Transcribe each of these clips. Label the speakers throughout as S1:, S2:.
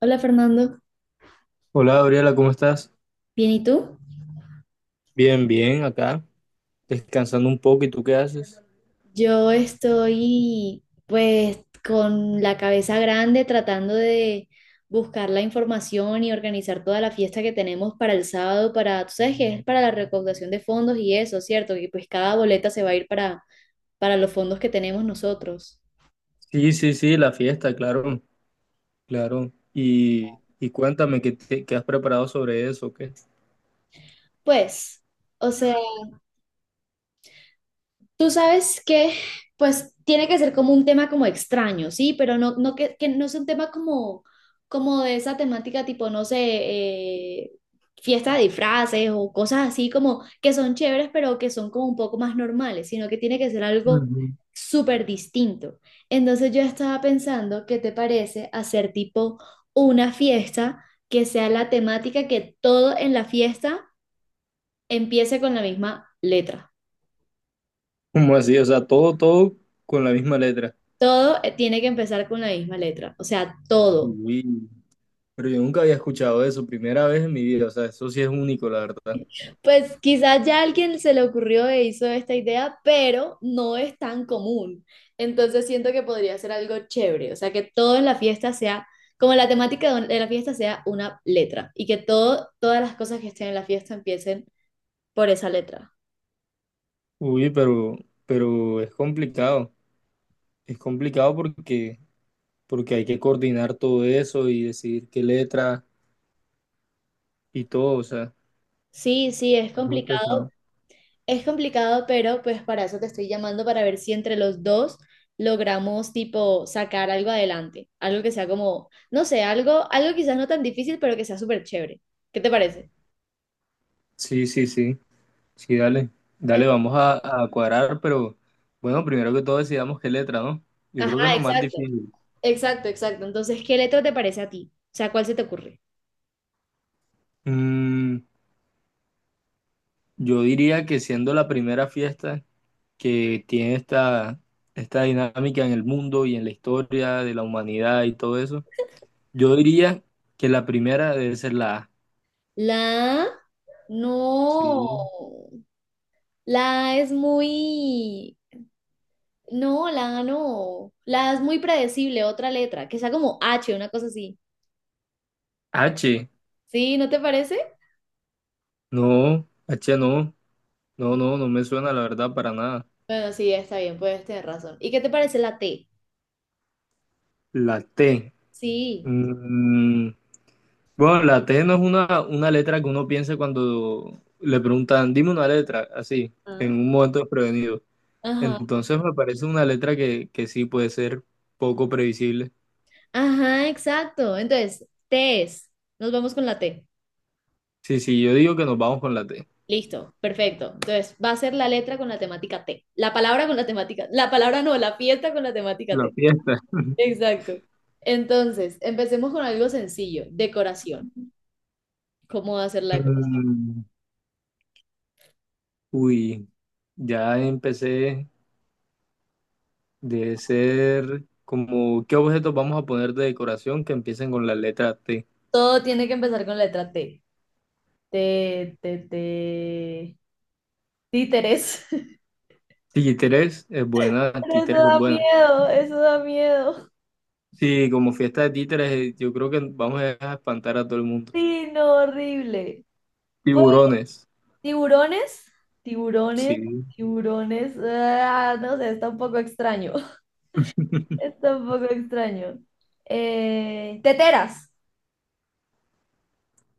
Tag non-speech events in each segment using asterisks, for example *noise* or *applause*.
S1: Hola Fernando,
S2: Hola Gabriela, ¿cómo estás?
S1: ¿bien y tú?
S2: Bien, bien, acá, descansando un poco. ¿Y tú qué haces?
S1: Yo estoy pues con la cabeza grande tratando de buscar la información y organizar toda la fiesta que tenemos para el sábado, para, tú sabes que es para la recaudación de fondos y eso, ¿cierto? Que pues cada boleta se va a ir para los fondos que tenemos nosotros.
S2: Sí, sí, sí, la fiesta, claro, claro. Y cuéntame, ¿qué has preparado sobre eso? ¿Qué?
S1: Pues, o sea, tú sabes que, pues, tiene que ser como un tema como extraño, ¿sí? Pero no que, que no sea un tema como, como de esa temática tipo, no sé, fiesta de disfraces o cosas así como que son chéveres, pero que son como un poco más normales, sino que tiene que ser algo
S2: Ujú.
S1: súper distinto. Entonces yo estaba pensando, ¿qué te parece hacer tipo una fiesta que sea la temática que todo en la fiesta empiece con la misma letra?
S2: ¿Cómo así? O sea, todo con la misma letra.
S1: Todo tiene que empezar con la misma letra, o sea, todo.
S2: Uy, pero yo nunca había escuchado eso, primera vez en mi vida. O sea, eso sí es único, la verdad.
S1: Pues quizás ya alguien se le ocurrió e hizo esta idea, pero no es tan común. Entonces siento que podría ser algo chévere, o sea, que todo en la fiesta sea, como la temática de la fiesta sea una letra y que todo, todas las cosas que estén en la fiesta empiecen por esa letra.
S2: Uy, pero es complicado. Es complicado porque hay que coordinar todo eso y decidir qué letra y todo, o sea.
S1: Sí, sí, es
S2: Es muy
S1: complicado.
S2: pesado.
S1: Es complicado, pero pues para eso te estoy llamando para ver si entre los dos logramos tipo sacar algo adelante, algo que sea como, no sé, algo, algo quizás no tan difícil, pero que sea súper chévere. ¿Qué te parece?
S2: Sí, sí, sí, sí, dale, dale,
S1: En-
S2: vamos a cuadrar, pero bueno, primero que todo decidamos qué letra, ¿no? Yo
S1: Ajá,
S2: creo que es lo más
S1: exacto,
S2: difícil.
S1: exacto, exacto. Entonces, ¿qué letra te parece a ti? O sea, ¿cuál se te ocurre?
S2: Mm, yo diría que siendo la primera fiesta que tiene esta dinámica en el mundo y en la historia de la humanidad y todo eso, yo diría que la primera debe ser la A.
S1: ¿La A? No,
S2: Sí.
S1: la A es muy, no, la A no, la A es muy predecible, otra letra, que sea como H, una cosa así.
S2: H,
S1: ¿Sí? ¿No te parece?
S2: no, H no, no, no, no me suena la verdad para nada.
S1: Bueno, sí, está bien, puedes tener razón. ¿Y qué te parece la T?
S2: La T.
S1: Sí.
S2: Mm, Bueno, la T no es una letra que uno piensa cuando le preguntan, dime una letra, así, en
S1: Ah.
S2: un momento desprevenido.
S1: Ajá.
S2: Entonces me parece una letra que sí puede ser poco previsible.
S1: Ajá, exacto. Entonces, T es. Nos vamos con la T.
S2: Sí, sí, yo digo que nos vamos con la T.
S1: Listo, perfecto. Entonces, va a ser la letra con la temática T. La palabra con la temática. La palabra no, la fiesta con la temática
S2: La
S1: T.
S2: fiesta. *laughs*
S1: Exacto. Entonces, empecemos con algo sencillo. Decoración. ¿Cómo va a ser la decoración?
S2: Mm, Uy, ya empecé de ser como, ¿qué objetos vamos a poner de decoración que empiecen con la letra T?
S1: Todo tiene que empezar con letra T. T, T, T. Títeres. *laughs*
S2: Títeres es buena,
S1: Pero eso
S2: títeres es
S1: da
S2: buena.
S1: miedo, eso da miedo.
S2: Sí, como fiesta de títeres, yo creo que vamos a dejar espantar a todo el mundo.
S1: Sí, no, horrible. Pues
S2: Tiburones,
S1: tiburones, tiburones,
S2: sí.
S1: tiburones. Ah, no sé, está un poco extraño. *laughs* Está un poco extraño. Teteras.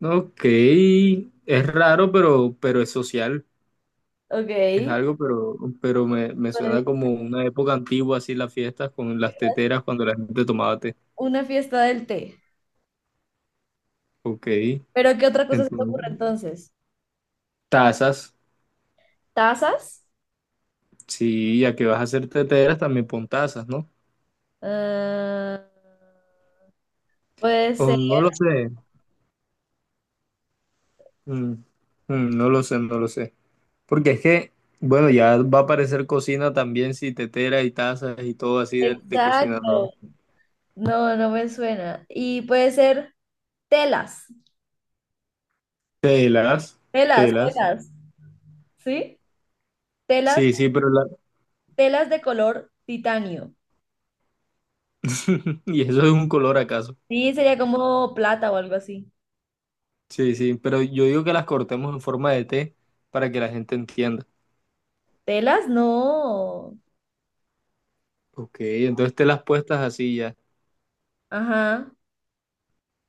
S2: Ok, es raro, pero es social. Es
S1: Ok.
S2: algo, pero, me
S1: Pues
S2: suena como una época antigua, así las fiestas con las teteras cuando la gente tomaba té.
S1: una fiesta del té.
S2: Ok,
S1: Pero ¿qué otra cosa se te
S2: entonces,
S1: ocurre entonces?
S2: tazas,
S1: ¿Tazas?
S2: sí, ya que vas a hacer teteras, también pon tazas, ¿no?
S1: Ah, puede
S2: O
S1: ser.
S2: no lo sé, Mm, no lo sé, no lo sé. Porque es que, bueno, ya va a aparecer cocina también, si teteras y tazas y todo así de cocina, ¿no?
S1: Exacto. No, no me suena. Y puede ser telas.
S2: Telas,
S1: Telas,
S2: telas.
S1: telas. ¿Sí? Telas,
S2: Sí, sí, pero la...
S1: telas de color titanio.
S2: *laughs* Y eso es un color acaso.
S1: Sí, sería como plata o algo así.
S2: Sí, sí, pero yo digo que las cortemos en forma de T para que la gente entienda.
S1: Telas, no.
S2: Ok, entonces telas puestas así ya.
S1: Ajá.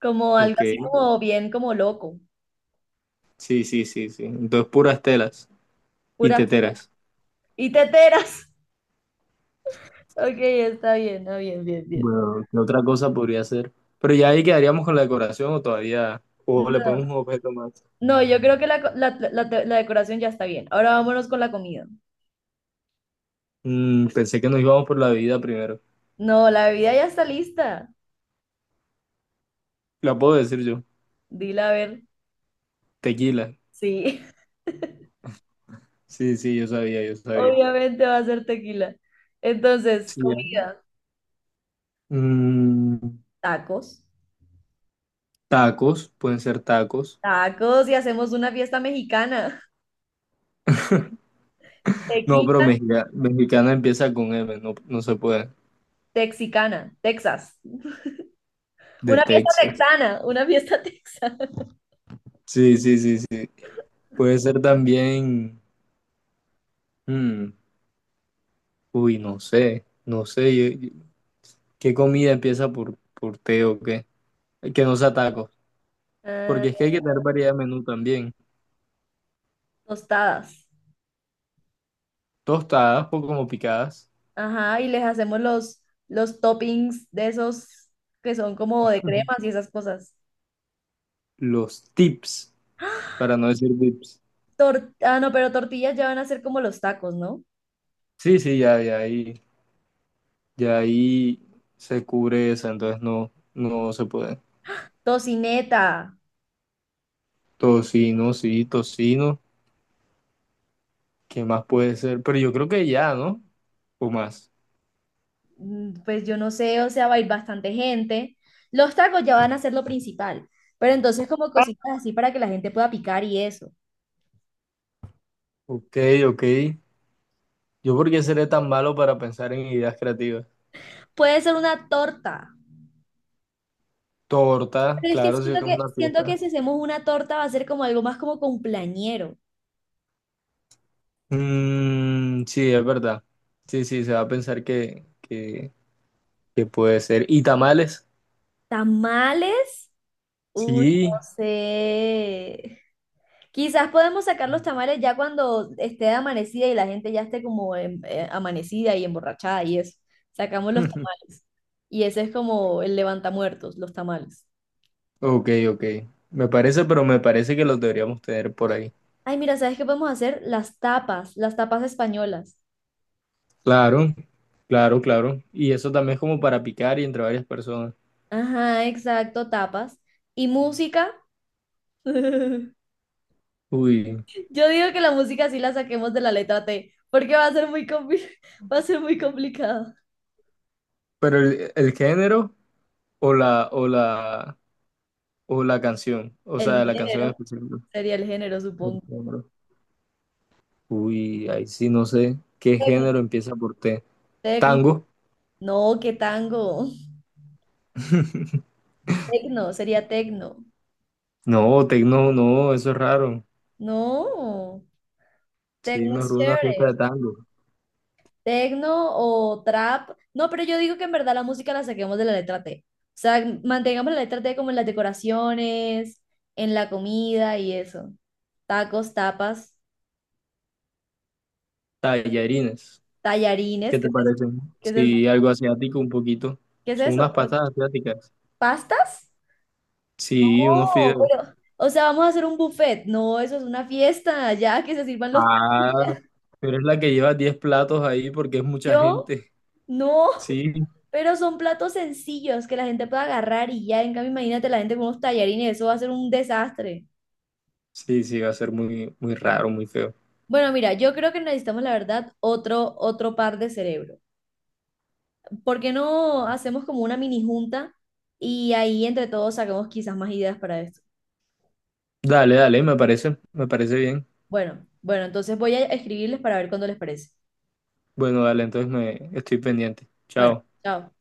S1: Como algo
S2: Ok,
S1: así como bien, como loco.
S2: sí, sí, sí, sí. Entonces puras telas y
S1: Pura.
S2: teteras.
S1: Y teteras. *laughs* Ok, está bien, ah, bien, bien, bien.
S2: Bueno, ¿qué otra cosa podría ser? Pero ya ahí quedaríamos con la decoración o todavía, o le ponemos un objeto más.
S1: No, yo creo que la, co- la- la te- la decoración ya está bien. Ahora vámonos con la comida.
S2: Mm, pensé que nos íbamos por la bebida primero.
S1: No, la bebida ya está lista.
S2: La puedo decir yo.
S1: Dila a ver.
S2: Tequila.
S1: Sí, *laughs*
S2: Sí, sí, yo sabía, yo sabía.
S1: obviamente va a ser tequila. Entonces,
S2: Sí, ya.
S1: comida,
S2: Mm,
S1: tacos.
S2: tacos, pueden ser tacos.
S1: Tacos y hacemos una fiesta mexicana.
S2: No, pero
S1: Tequila,
S2: mexicana empieza con M, no, no se puede.
S1: texicana, Texas.
S2: De
S1: Una fiesta
S2: Texas.
S1: texana, una fiesta *laughs* texana.
S2: Sí, sí, sí, sí. Puede ser también. mm, uy, no sé, no sé. ¿Qué comida empieza por T o qué? Que no sea tacos.
S1: Ah,
S2: Porque es que hay que tener variedad de menú también.
S1: tostadas.
S2: Tostadas o como picadas.
S1: Ajá, y les hacemos los toppings de esos que son como
S2: *laughs*
S1: de
S2: Ujú.
S1: cremas y esas cosas.
S2: Los tips,
S1: *gasps*
S2: para no decir VIPs.
S1: No, pero tortillas ya van a ser como los tacos, ¿no?
S2: Sí, sí, ya ahí se cubre esa, entonces no, no se puede.
S1: Tocineta,
S2: Tocino, sí, tocino, ¿qué más puede ser? Pero yo creo que ya, ¿no? O más.
S1: pues yo no sé, o sea, va a ir bastante gente. Los tacos ya van a ser lo principal, pero entonces como cositas así para que la gente pueda picar y eso.
S2: Ok, ok. ¿Yo por qué seré tan malo para pensar en ideas creativas?
S1: Puede ser una torta,
S2: Torta,
S1: pero es que
S2: claro, si
S1: siento
S2: es
S1: que,
S2: una
S1: siento que
S2: pieza.
S1: si hacemos una torta va a ser como algo más como cumpleañero.
S2: Mm, sí, es verdad. Sí, sí, se va a pensar que puede ser. ¿Y tamales?
S1: Tamales, uy, no
S2: Sí,
S1: sé. Quizás podemos sacar los tamales ya cuando esté amanecida y la gente ya esté como amanecida y emborrachada y eso. Sacamos los tamales. Y ese es como el levantamuertos, los tamales.
S2: ok, ok. Me parece, pero me parece que los deberíamos tener por ahí.
S1: Ay, mira, ¿sabes qué podemos hacer? Las tapas españolas.
S2: Claro, claro, claro. Y eso también es como para picar y entre varias personas.
S1: Ajá, exacto, tapas. Y música. *laughs*
S2: Uy,
S1: Yo digo que la música sí la saquemos de la letra T, porque va a ser muy *laughs* va a ser muy complicado.
S2: pero el género o la o la o la canción, o
S1: El
S2: sea, la canción en
S1: género.
S2: específico.
S1: Sería el género,
S2: El
S1: supongo.
S2: género. Uy, ahí sí no sé qué
S1: Tecno,
S2: género empieza por T.
S1: tecno.
S2: Tango.
S1: No, qué tango.
S2: *laughs*
S1: Tecno, sería tecno.
S2: No, tecno, no, eso es raro.
S1: No,
S2: Sí,
S1: tecno
S2: mejor
S1: es
S2: una fiesta
S1: chévere.
S2: de tango.
S1: Tecno o trap. No, pero yo digo que en verdad la música la saquemos de la letra T. O sea, mantengamos la letra T como en las decoraciones, en la comida y eso. Tacos, tapas,
S2: Tallarines.
S1: tallarines,
S2: ¿Qué
S1: ¿qué
S2: te
S1: es eso?
S2: parecen?
S1: ¿Qué es eso?
S2: Sí, algo asiático un poquito.
S1: ¿Qué es
S2: Son
S1: eso?
S2: unas pastas asiáticas.
S1: ¿Pastas?
S2: Sí, unos
S1: No,
S2: fideos.
S1: pero, o sea, vamos a hacer un buffet. No, eso es una fiesta, ya que se sirvan los
S2: Ah,
S1: tacos.
S2: pero es la que lleva 10 platos ahí porque es mucha
S1: Yo
S2: gente.
S1: no,
S2: Sí,
S1: *laughs* pero son platos sencillos que la gente puede agarrar y ya, en cambio, imagínate la gente con unos tallarines, eso va a ser un desastre.
S2: sí, sí, va a ser muy, muy raro, muy feo.
S1: Bueno, mira, yo creo que necesitamos, la verdad, otro par de cerebro. ¿Por qué no hacemos como una mini junta y ahí entre todos sacamos quizás más ideas para esto?
S2: Dale, dale, me parece bien.
S1: Bueno, bueno, entonces voy a escribirles para ver cuándo les parece.
S2: Bueno, dale, entonces me estoy pendiente.
S1: Bueno,
S2: Chao.
S1: chao.